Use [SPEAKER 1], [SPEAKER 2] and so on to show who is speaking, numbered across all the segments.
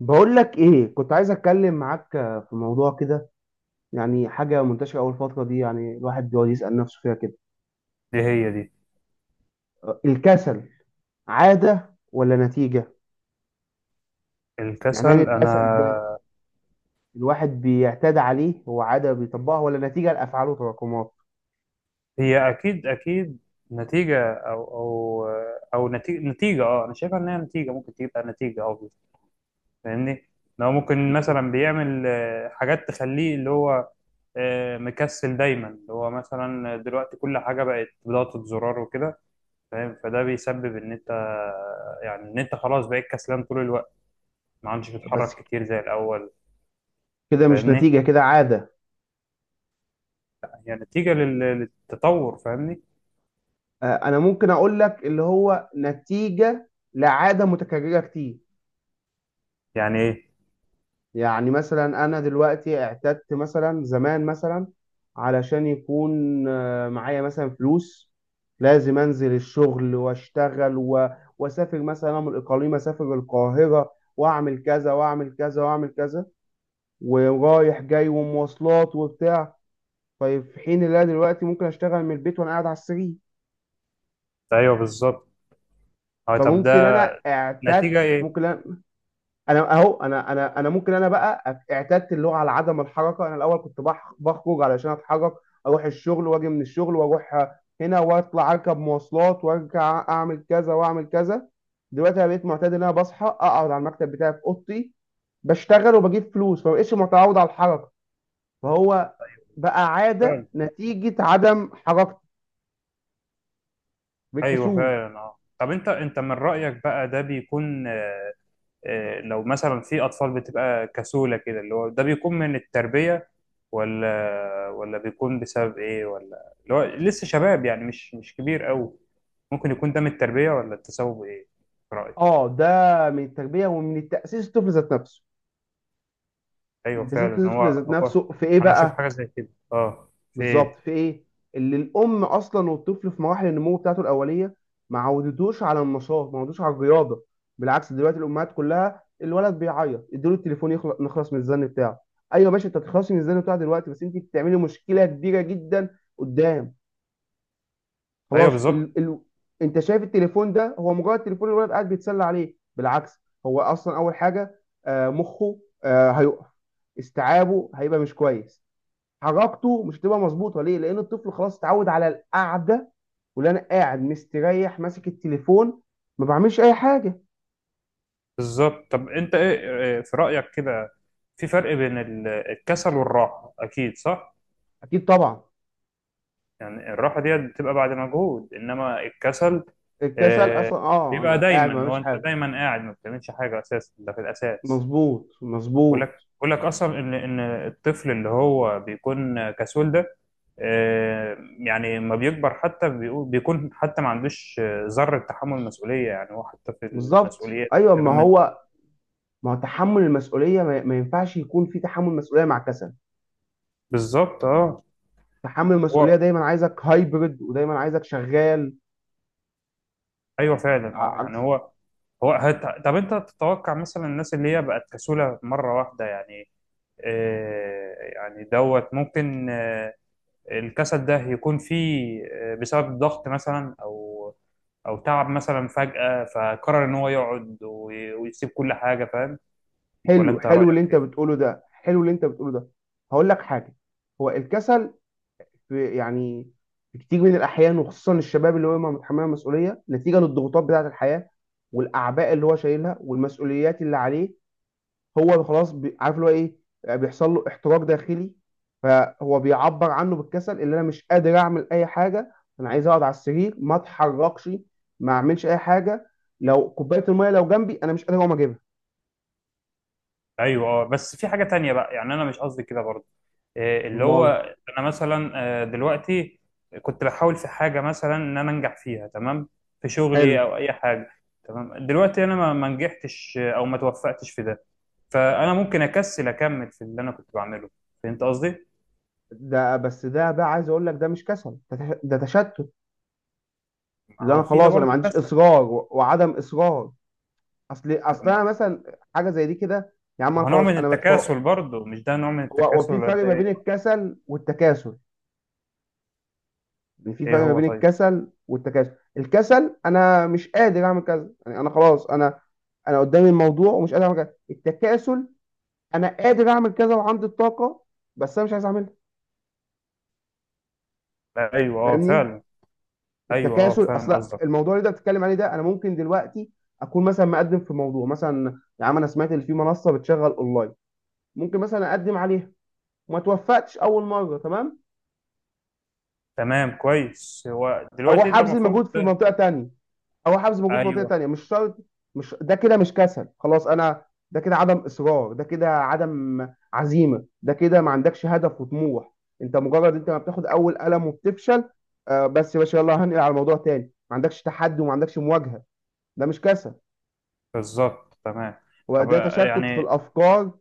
[SPEAKER 1] بقول لك ايه، كنت عايز اتكلم معاك في موضوع كده. يعني حاجه منتشره اول فتره دي، يعني الواحد بيقعد يسال نفسه فيها كده،
[SPEAKER 2] دي هي دي،
[SPEAKER 1] الكسل عاده ولا نتيجه؟ يعني هل
[SPEAKER 2] الكسل.
[SPEAKER 1] الكسل ده
[SPEAKER 2] انا
[SPEAKER 1] الواحد بيعتاد عليه، هو عاده بيطبقها ولا نتيجه لافعاله وتراكمات؟
[SPEAKER 2] هي اكيد اكيد نتيجة، او نتيجة اه، انا شايفها ان هي نتيجة. ممكن تبقى نتيجة، او فاهمني؟ لو ممكن
[SPEAKER 1] مم.
[SPEAKER 2] مثلا بيعمل حاجات تخليه اللي هو مكسل دايما، اللي هو مثلا دلوقتي كل حاجة بقت بضغطة زرار وكده، فاهم؟ فده بيسبب ان انت، يعني ان انت خلاص بقيت كسلان طول الوقت، ما عادش
[SPEAKER 1] بس
[SPEAKER 2] بتتحرك كتير زي الاول،
[SPEAKER 1] كده مش
[SPEAKER 2] فاهمني؟
[SPEAKER 1] نتيجه، كده عاده.
[SPEAKER 2] هي نتيجة للتطور، فاهمني؟
[SPEAKER 1] انا ممكن اقول لك اللي هو نتيجه لعاده متكرره كتير.
[SPEAKER 2] يعني ايه؟
[SPEAKER 1] يعني مثلا انا دلوقتي اعتدت، مثلا زمان مثلا علشان يكون معايا مثلا فلوس لازم انزل الشغل واشتغل واسافر، مثلا أنا من الاقاليم اسافر القاهره، واعمل كذا واعمل كذا واعمل كذا، ورايح جاي ومواصلات وبتاع. طيب في حين اللي انا دلوقتي ممكن اشتغل من البيت وانا قاعد على السرير.
[SPEAKER 2] ايوه بالظبط. اه طب ده
[SPEAKER 1] فممكن انا اعتدت،
[SPEAKER 2] نتيجة ايه؟
[SPEAKER 1] ممكن انا ممكن انا بقى اعتدت اللغه على عدم الحركه. انا الاول كنت بخرج علشان اتحرك، اروح الشغل واجي من الشغل واروح هنا واطلع اركب مواصلات وارجع اعمل كذا واعمل كذا. دلوقتي انا بقيت معتاد ان انا بصحى اقعد على المكتب بتاعي في اوضتي بشتغل وبجيب فلوس، فما بقتش متعود على الحركه. فهو بقى عاده
[SPEAKER 2] فعلا.
[SPEAKER 1] نتيجه عدم حركتي،
[SPEAKER 2] ايوه
[SPEAKER 1] بالكسول.
[SPEAKER 2] فعلا. اه طب انت انت من رأيك بقى ده بيكون لو مثلا في اطفال بتبقى كسولة كده، اللي هو ده بيكون من التربية، ولا بيكون بسبب ايه، ولا اللي هو لسه شباب يعني مش كبير قوي؟ ممكن يكون ده من التربية ولا التسبب ايه في رأيك؟
[SPEAKER 1] اه، ده من التربيه ومن التاسيس، الطفل ذات نفسه.
[SPEAKER 2] ايوه
[SPEAKER 1] تاسيس
[SPEAKER 2] فعلا. هو
[SPEAKER 1] الطفل ذات
[SPEAKER 2] هو
[SPEAKER 1] نفسه في ايه
[SPEAKER 2] انا اشوف
[SPEAKER 1] بقى؟
[SPEAKER 2] حاجة زي كده. اه في
[SPEAKER 1] بالظبط،
[SPEAKER 2] ايه؟
[SPEAKER 1] في ايه؟ اللي الام اصلا والطفل في مراحل النمو بتاعته الاوليه ما عودتوش على النشاط، ما عودتوش على الرياضه. بالعكس، دلوقتي الامهات كلها الولد بيعيط اديله التليفون يخلص، نخلص من الزن بتاعه. ايوه، ماشي، انت تخلصي من الزن بتاعه دلوقتي، بس انت بتعملي مشكله كبيره جدا قدام.
[SPEAKER 2] ايوه
[SPEAKER 1] خلاص
[SPEAKER 2] بالظبط.
[SPEAKER 1] انت شايف التليفون ده هو مجرد تليفون الولد قاعد بيتسلى عليه، بالعكس هو اصلا اول حاجه مخه هيقف. استيعابه هيبقى مش كويس، حركته مش هتبقى مظبوطه. ليه؟ لان الطفل خلاص اتعود على القعده، واللي انا قاعد مستريح ماسك التليفون ما بعملش اي حاجه.
[SPEAKER 2] بالظبط، طب انت ايه، إيه في رأيك كده؟ في فرق بين الكسل والراحة، اكيد صح؟
[SPEAKER 1] اكيد طبعا،
[SPEAKER 2] يعني الراحة دي بتبقى بعد مجهود، انما الكسل
[SPEAKER 1] الكسل
[SPEAKER 2] آه،
[SPEAKER 1] اصلا اه
[SPEAKER 2] بيبقى
[SPEAKER 1] انا قاعد ما
[SPEAKER 2] دايما. هو
[SPEAKER 1] بعملش
[SPEAKER 2] انت
[SPEAKER 1] حاجه.
[SPEAKER 2] دايما قاعد ما بتعملش حاجة اساسا، ده في الاساس.
[SPEAKER 1] مظبوط،
[SPEAKER 2] بقول لك،
[SPEAKER 1] مظبوط.
[SPEAKER 2] بقول لك اصلا ان الطفل اللي هو بيكون كسول ده يعني لما بيكبر حتى بيكون حتى ما عندوش ذرة تحمل مسؤولية، يعني هو حتى في
[SPEAKER 1] بالظبط،
[SPEAKER 2] المسؤوليات
[SPEAKER 1] ايوه ما
[SPEAKER 2] الكلام من
[SPEAKER 1] هو. ما هو تحمل المسؤوليه ما ينفعش يكون في تحمل مسؤوليه مع كسل.
[SPEAKER 2] بالظبط. اه
[SPEAKER 1] تحمل المسؤوليه
[SPEAKER 2] هو
[SPEAKER 1] دايما عايزك هايبرد ودايما عايزك شغال.
[SPEAKER 2] ايوه فعلا. اه يعني
[SPEAKER 1] عكس.
[SPEAKER 2] هو طب انت تتوقع مثلا الناس اللي هي بقت كسولة مرة واحدة، يعني يعني دوت، ممكن الكسل ده يكون فيه بسبب ضغط مثلا، او او تعب مثلا فجأة، فقرر ان هو يقعد ويسيب كل حاجة، فاهم؟ ولا
[SPEAKER 1] حلو
[SPEAKER 2] انت رأيك
[SPEAKER 1] حلو اللي انت
[SPEAKER 2] ايه؟
[SPEAKER 1] بتقوله ده حلو اللي انت بتقوله ده. هقول لك حاجه، هو الكسل في، يعني في كتير من الأحيان، وخصوصا الشباب اللي هو متحملها مسؤولية، نتيجة للضغوطات بتاعة الحياة والأعباء اللي هو شايلها والمسؤوليات اللي عليه، هو خلاص عارف اللي هو إيه، بيحصل له احتراق داخلي. فهو بيعبر عنه بالكسل، اللي أنا مش قادر أعمل أي حاجة، أنا عايز أقعد على السرير ما أتحركش، ما أعملش أي حاجة، لو كوباية المية لو جنبي أنا مش قادر أقوم أجيبها.
[SPEAKER 2] ايوه اه. بس في حاجه تانية بقى، يعني انا مش قصدي كده برضه. إيه اللي هو،
[SPEAKER 1] مال،
[SPEAKER 2] انا مثلا دلوقتي كنت بحاول في حاجه مثلا ان انا انجح فيها، تمام، في
[SPEAKER 1] حلو
[SPEAKER 2] شغلي او اي حاجه، تمام. دلوقتي انا ما نجحتش او ما توفقتش في ده. فانا ممكن اكسل اكمل في اللي انا كنت بعمله، فهمت قصدي؟
[SPEAKER 1] ده. بس ده بقى عايز أقول لك ده مش كسل، ده تشتت،
[SPEAKER 2] ما
[SPEAKER 1] اللي انا
[SPEAKER 2] هو في ده
[SPEAKER 1] خلاص انا ما
[SPEAKER 2] برضه
[SPEAKER 1] عنديش
[SPEAKER 2] كسل.
[SPEAKER 1] اصرار وعدم اصرار. اصل
[SPEAKER 2] ما
[SPEAKER 1] انا مثلا حاجه زي دي كده، يا عم
[SPEAKER 2] ما
[SPEAKER 1] انا
[SPEAKER 2] هو نوع
[SPEAKER 1] خلاص
[SPEAKER 2] من
[SPEAKER 1] انا
[SPEAKER 2] التكاسل
[SPEAKER 1] متفوق.
[SPEAKER 2] برضه، مش ده نوع من
[SPEAKER 1] هو
[SPEAKER 2] التكاسل
[SPEAKER 1] في
[SPEAKER 2] ولا
[SPEAKER 1] فرق
[SPEAKER 2] ده
[SPEAKER 1] ما
[SPEAKER 2] ايه؟
[SPEAKER 1] بين الكسل والتكاسل. يعني في فرق
[SPEAKER 2] إيه
[SPEAKER 1] ما
[SPEAKER 2] هو
[SPEAKER 1] بين
[SPEAKER 2] طيب.
[SPEAKER 1] الكسل والتكاسل، الكسل انا مش قادر اعمل كذا، يعني انا خلاص، انا انا قدامي الموضوع ومش قادر اعمل كذا. التكاسل انا قادر اعمل كذا وعندي الطاقه بس انا مش عايز اعملها.
[SPEAKER 2] ايوه اه
[SPEAKER 1] فاهمني؟
[SPEAKER 2] فعلا. ايوه اه
[SPEAKER 1] التكاسل
[SPEAKER 2] فاهم
[SPEAKER 1] اصل
[SPEAKER 2] قصدك.
[SPEAKER 1] الموضوع اللي انت بتتكلم عليه ده، انا ممكن دلوقتي اكون مثلا مقدم في موضوع، مثلا يا عم انا سمعت ان في منصه بتشغل اونلاين ممكن مثلا اقدم عليها وما توفقتش اول مره. تمام،
[SPEAKER 2] تمام كويس. هو دلوقتي
[SPEAKER 1] اروح
[SPEAKER 2] انت
[SPEAKER 1] ابذل
[SPEAKER 2] المفروض
[SPEAKER 1] مجهود في منطقه تانية اروح ابذل مجهود في منطقه
[SPEAKER 2] ايوه
[SPEAKER 1] تانية، مش شرط. مش ده كده مش كسل خلاص، انا ده كده عدم اصرار، ده كده عدم عزيمه، ده كده ما عندكش هدف وطموح. انت مجرد انت ما بتاخد اول قلم وبتفشل، آه بس يا باشا يلا هنقل على موضوع تاني. ما عندكش تحدي وما عندكش مواجهه، ده مش كسل،
[SPEAKER 2] بالظبط تمام. طب
[SPEAKER 1] وده تشتت في
[SPEAKER 2] يعني
[SPEAKER 1] الافكار.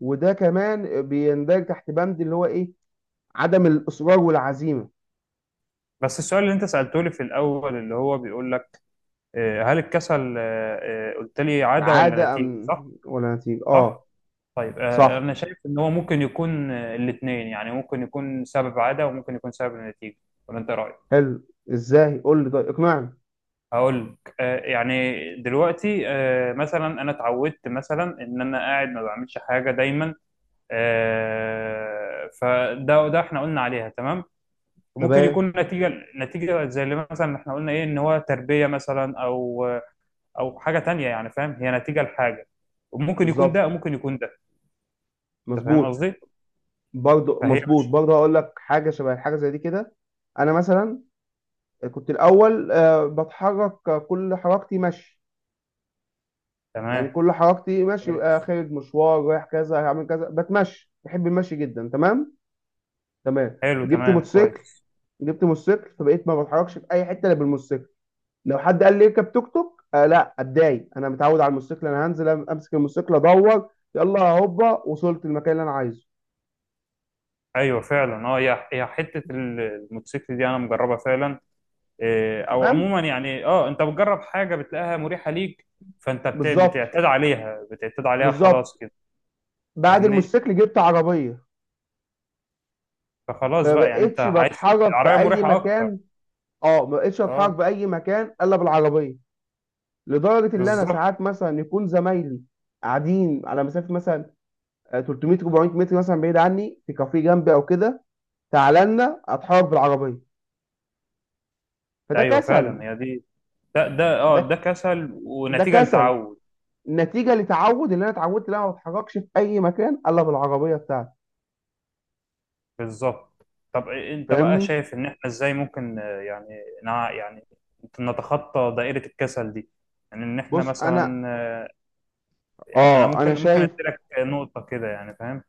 [SPEAKER 1] وده كمان بيندرج تحت بند اللي هو ايه، عدم الاصرار والعزيمه.
[SPEAKER 2] بس السؤال اللي انت سألته لي في الاول اللي هو بيقول لك هل الكسل قلت لي عادة ولا
[SPEAKER 1] عادة
[SPEAKER 2] نتيجة، صح؟
[SPEAKER 1] ولا نتيجة؟
[SPEAKER 2] صح.
[SPEAKER 1] اه،
[SPEAKER 2] طيب
[SPEAKER 1] صح.
[SPEAKER 2] انا شايف ان هو ممكن يكون الاثنين، يعني ممكن يكون سبب عادة وممكن يكون سبب نتيجة. ولا انت إيه رأيك؟
[SPEAKER 1] حلو، ازاي؟ قول لي طيب، اقنعني.
[SPEAKER 2] هقول لك يعني دلوقتي مثلا انا اتعودت مثلا ان انا قاعد ما بعملش حاجة دايما فده احنا قلنا عليها تمام. وممكن
[SPEAKER 1] تمام،
[SPEAKER 2] يكون نتيجة زي اللي مثلا احنا قلنا ايه، ان هو تربية مثلا، او او حاجة تانية. يعني فاهم، هي نتيجة لحاجة. وممكن يكون ده
[SPEAKER 1] بالظبط.
[SPEAKER 2] وممكن يكون ده. انت فاهم
[SPEAKER 1] مظبوط.
[SPEAKER 2] قصدي؟
[SPEAKER 1] برضو
[SPEAKER 2] فهي
[SPEAKER 1] مظبوط،
[SPEAKER 2] مش
[SPEAKER 1] برضو هقول لك حاجة شبه حاجة زي دي كده. أنا مثلا كنت الأول بتحرك، كل حركتي مشي. يعني
[SPEAKER 2] تمام
[SPEAKER 1] كل حركتي مشي،
[SPEAKER 2] كويس.
[SPEAKER 1] خارج مشوار، رايح كذا، هعمل كذا، بتمشي، بحب المشي جدا. تمام، تمام.
[SPEAKER 2] حلو
[SPEAKER 1] جبت
[SPEAKER 2] تمام
[SPEAKER 1] موتوسيكل.
[SPEAKER 2] كويس.
[SPEAKER 1] فبقيت ما بتحركش في أي حتة إلا بالموتوسيكل. لو حد قال لي اركب توك توك، آه لا اتضايق، انا متعود على الموتوسيكل، انا هنزل امسك الموتوسيكل ادور، يلا هوبا وصلت المكان اللي انا عايزه.
[SPEAKER 2] ايوه فعلا اه. هي حتة الموتوسيكل دي انا مجربها فعلا. إيه، او
[SPEAKER 1] تمام،
[SPEAKER 2] عموما يعني اه انت بتجرب حاجة بتلاقيها مريحة ليك، فانت
[SPEAKER 1] بالظبط،
[SPEAKER 2] بتعتاد عليها، بتعتاد عليها
[SPEAKER 1] بالظبط.
[SPEAKER 2] خلاص كده،
[SPEAKER 1] بعد
[SPEAKER 2] فاهمني؟
[SPEAKER 1] الموتوسيكل جبت عربيه،
[SPEAKER 2] فخلاص
[SPEAKER 1] فما
[SPEAKER 2] بقى، يعني انت
[SPEAKER 1] بقتش
[SPEAKER 2] عايز
[SPEAKER 1] بتحرك في
[SPEAKER 2] العربية
[SPEAKER 1] اي
[SPEAKER 2] مريحة اكتر.
[SPEAKER 1] مكان اه ما بقتش اتحرك
[SPEAKER 2] اه
[SPEAKER 1] في اي مكان الا بالعربيه. لدرجه ان انا ساعات
[SPEAKER 2] بالظبط.
[SPEAKER 1] مثلا يكون زمايلي قاعدين على مسافه مثلا 300 400 متر مثلا بعيد عني في كافيه جنبي او كده، تعالى لنا، اتحرك بالعربيه. فده
[SPEAKER 2] ايوه فعلا
[SPEAKER 1] كسل.
[SPEAKER 2] هي دي. ده ده اه
[SPEAKER 1] ده،
[SPEAKER 2] ده كسل ونتيجه
[SPEAKER 1] كسل
[SPEAKER 2] لتعود.
[SPEAKER 1] نتيجه لتعود، اللي انا اتعودت ان انا ما بتحركش في اي مكان الا بالعربيه بتاعتي.
[SPEAKER 2] بالظبط. طب انت بقى
[SPEAKER 1] فاهمني؟
[SPEAKER 2] شايف ان احنا ازاي ممكن يعني يعني نتخطى دائره الكسل دي؟ يعني ان احنا
[SPEAKER 1] بص انا،
[SPEAKER 2] مثلا يعني انا ممكن ممكن
[SPEAKER 1] شايف
[SPEAKER 2] ادي لك نقطه كده، يعني فاهم،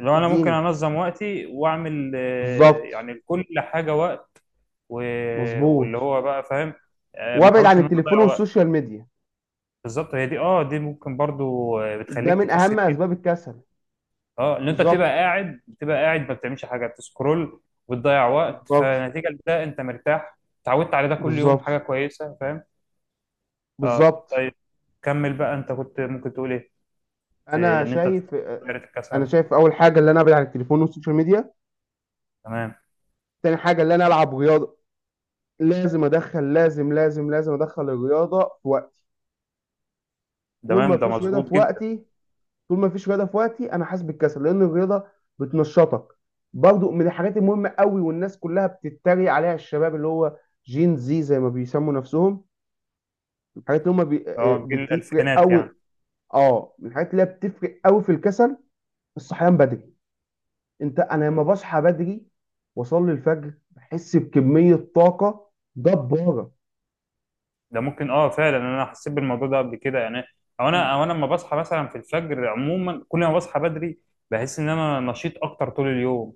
[SPEAKER 2] لو انا ممكن
[SPEAKER 1] الدين.
[SPEAKER 2] انظم وقتي واعمل
[SPEAKER 1] بالظبط،
[SPEAKER 2] يعني لكل حاجه وقت. و- واللي
[SPEAKER 1] مظبوط.
[SPEAKER 2] هو بقى فاهم ما
[SPEAKER 1] وابعد
[SPEAKER 2] احاولش
[SPEAKER 1] عن
[SPEAKER 2] ان انا
[SPEAKER 1] التليفون
[SPEAKER 2] اضيع وقت.
[SPEAKER 1] والسوشيال ميديا،
[SPEAKER 2] بالظبط هي دي. اه دي ممكن برضو
[SPEAKER 1] ده
[SPEAKER 2] بتخليك
[SPEAKER 1] من
[SPEAKER 2] تكسل
[SPEAKER 1] اهم اسباب
[SPEAKER 2] جدا.
[SPEAKER 1] الكسل.
[SPEAKER 2] اه ان انت بتبقى
[SPEAKER 1] بالظبط،
[SPEAKER 2] قاعد، بتبقى قاعد ما بتعملش حاجه، بتسكرول وبتضيع وقت.
[SPEAKER 1] بالظبط،
[SPEAKER 2] فنتيجه لده انت مرتاح، اتعودت على ده كل يوم.
[SPEAKER 1] بالظبط،
[SPEAKER 2] حاجه كويسه فاهم. اه
[SPEAKER 1] بالظبط.
[SPEAKER 2] طيب، كمل بقى. انت كنت ممكن تقول ايه في
[SPEAKER 1] انا
[SPEAKER 2] ان انت
[SPEAKER 1] شايف
[SPEAKER 2] تطور دايره
[SPEAKER 1] انا
[SPEAKER 2] الكسل؟
[SPEAKER 1] شايف اول حاجه اللي انا ابعد عن التليفون والسوشيال ميديا.
[SPEAKER 2] تمام.
[SPEAKER 1] تاني حاجه اللي انا العب رياضه، لازم ادخل، لازم لازم لازم ادخل الرياضه في وقتي. طول ما
[SPEAKER 2] تمام ده
[SPEAKER 1] فيش رياضه
[SPEAKER 2] مظبوط
[SPEAKER 1] في
[SPEAKER 2] جدا.
[SPEAKER 1] وقتي، انا حاسس بالكسل، لان الرياضه بتنشطك. برضو من الحاجات المهمه قوي، والناس كلها بتتريق عليها، الشباب اللي هو جين زي ما بيسموا نفسهم، الحاجات اللي هم بي... آه،
[SPEAKER 2] اه جيل
[SPEAKER 1] بتفرق
[SPEAKER 2] الالفينات يعني.
[SPEAKER 1] قوي. اه، من الحاجات اللي هي بتفرق قوي في الكسل الصحيان بدري. انت انا لما بصحى بدري واصلي الفجر بحس بكميه طاقه جباره.
[SPEAKER 2] ده ممكن. اه فعلا انا حسيت بالموضوع ده قبل كده، يعني او انا لما بصحى مثلا في الفجر عموما كل ما بصحى بدري بحس ان انا نشيط اكتر طول اليوم.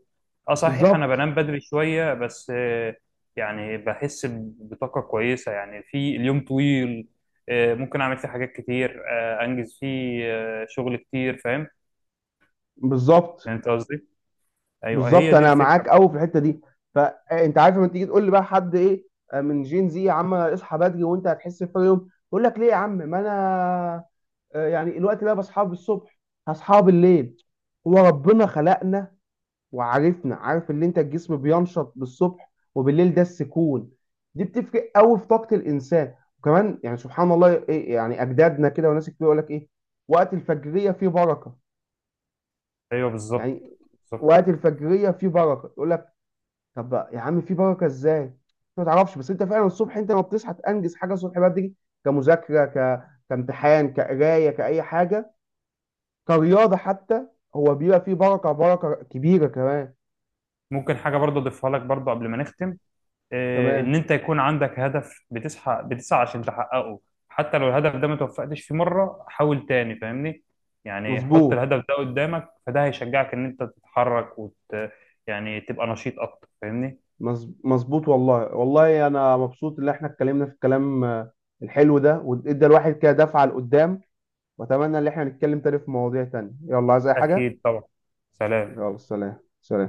[SPEAKER 2] اه صحيح انا
[SPEAKER 1] بالظبط،
[SPEAKER 2] بنام بدري شويه بس يعني بحس بطاقه كويسه، يعني في اليوم طويل ممكن اعمل فيه حاجات كتير، انجز فيه شغل كتير، فاهم؟
[SPEAKER 1] بالظبط،
[SPEAKER 2] يعني انت قصدي، ايوه
[SPEAKER 1] بالظبط.
[SPEAKER 2] هي دي
[SPEAKER 1] انا
[SPEAKER 2] الفكره
[SPEAKER 1] معاك
[SPEAKER 2] بقى.
[SPEAKER 1] قوي في الحته دي. فانت عارف لما تيجي تقول لي بقى حد ايه، من جين زي، يا عم اصحى بدري وانت هتحس بفرق يوم. يقول لك ليه يا عم، ما انا يعني الوقت ده بصحى الصبح، هصحى بالليل. هو ربنا خلقنا وعارفنا، عارف ان انت الجسم بينشط بالصبح، وبالليل ده السكون. دي بتفرق قوي في طاقه الانسان. وكمان يعني، سبحان الله، إيه يعني، اجدادنا كده وناس كتير يقول لك ايه، وقت الفجريه فيه بركه.
[SPEAKER 2] ايوه بالظبط
[SPEAKER 1] يعني
[SPEAKER 2] بالظبط.
[SPEAKER 1] وقت الفجريه فيه بركه، يقول لك طب يا عم في بركه ازاي انت ما تعرفش. بس انت فعلا الصبح، انت ما بتصحى تنجز حاجه الصبح بدري، كمذاكره، كامتحان، كقرايه، كاي حاجه، كرياضه حتى، هو بيبقى فيه بركه، بركه كبيره كمان.
[SPEAKER 2] ممكن حاجه برضه اضيفها لك برضه قبل ما نختم، ان
[SPEAKER 1] تمام،
[SPEAKER 2] انت يكون عندك هدف، بتسعى، بتسعى عشان تحققه. حتى لو الهدف ده ما توفقتش فيه مره، حاول تاني، فاهمني؟ يعني حط
[SPEAKER 1] مظبوط.
[SPEAKER 2] الهدف ده قدامك فده هيشجعك ان انت تتحرك وت، يعني تبقى نشيط اكتر، فاهمني.
[SPEAKER 1] مظبوط. والله والله انا مبسوط ان احنا اتكلمنا في الكلام الحلو ده، وادى الواحد كده دفعه لقدام. واتمنى ان احنا نتكلم تاني في مواضيع تانية. يلا، عايز اي حاجه؟
[SPEAKER 2] اكيد طبعا. سلام.
[SPEAKER 1] يلا، سلام، سلام.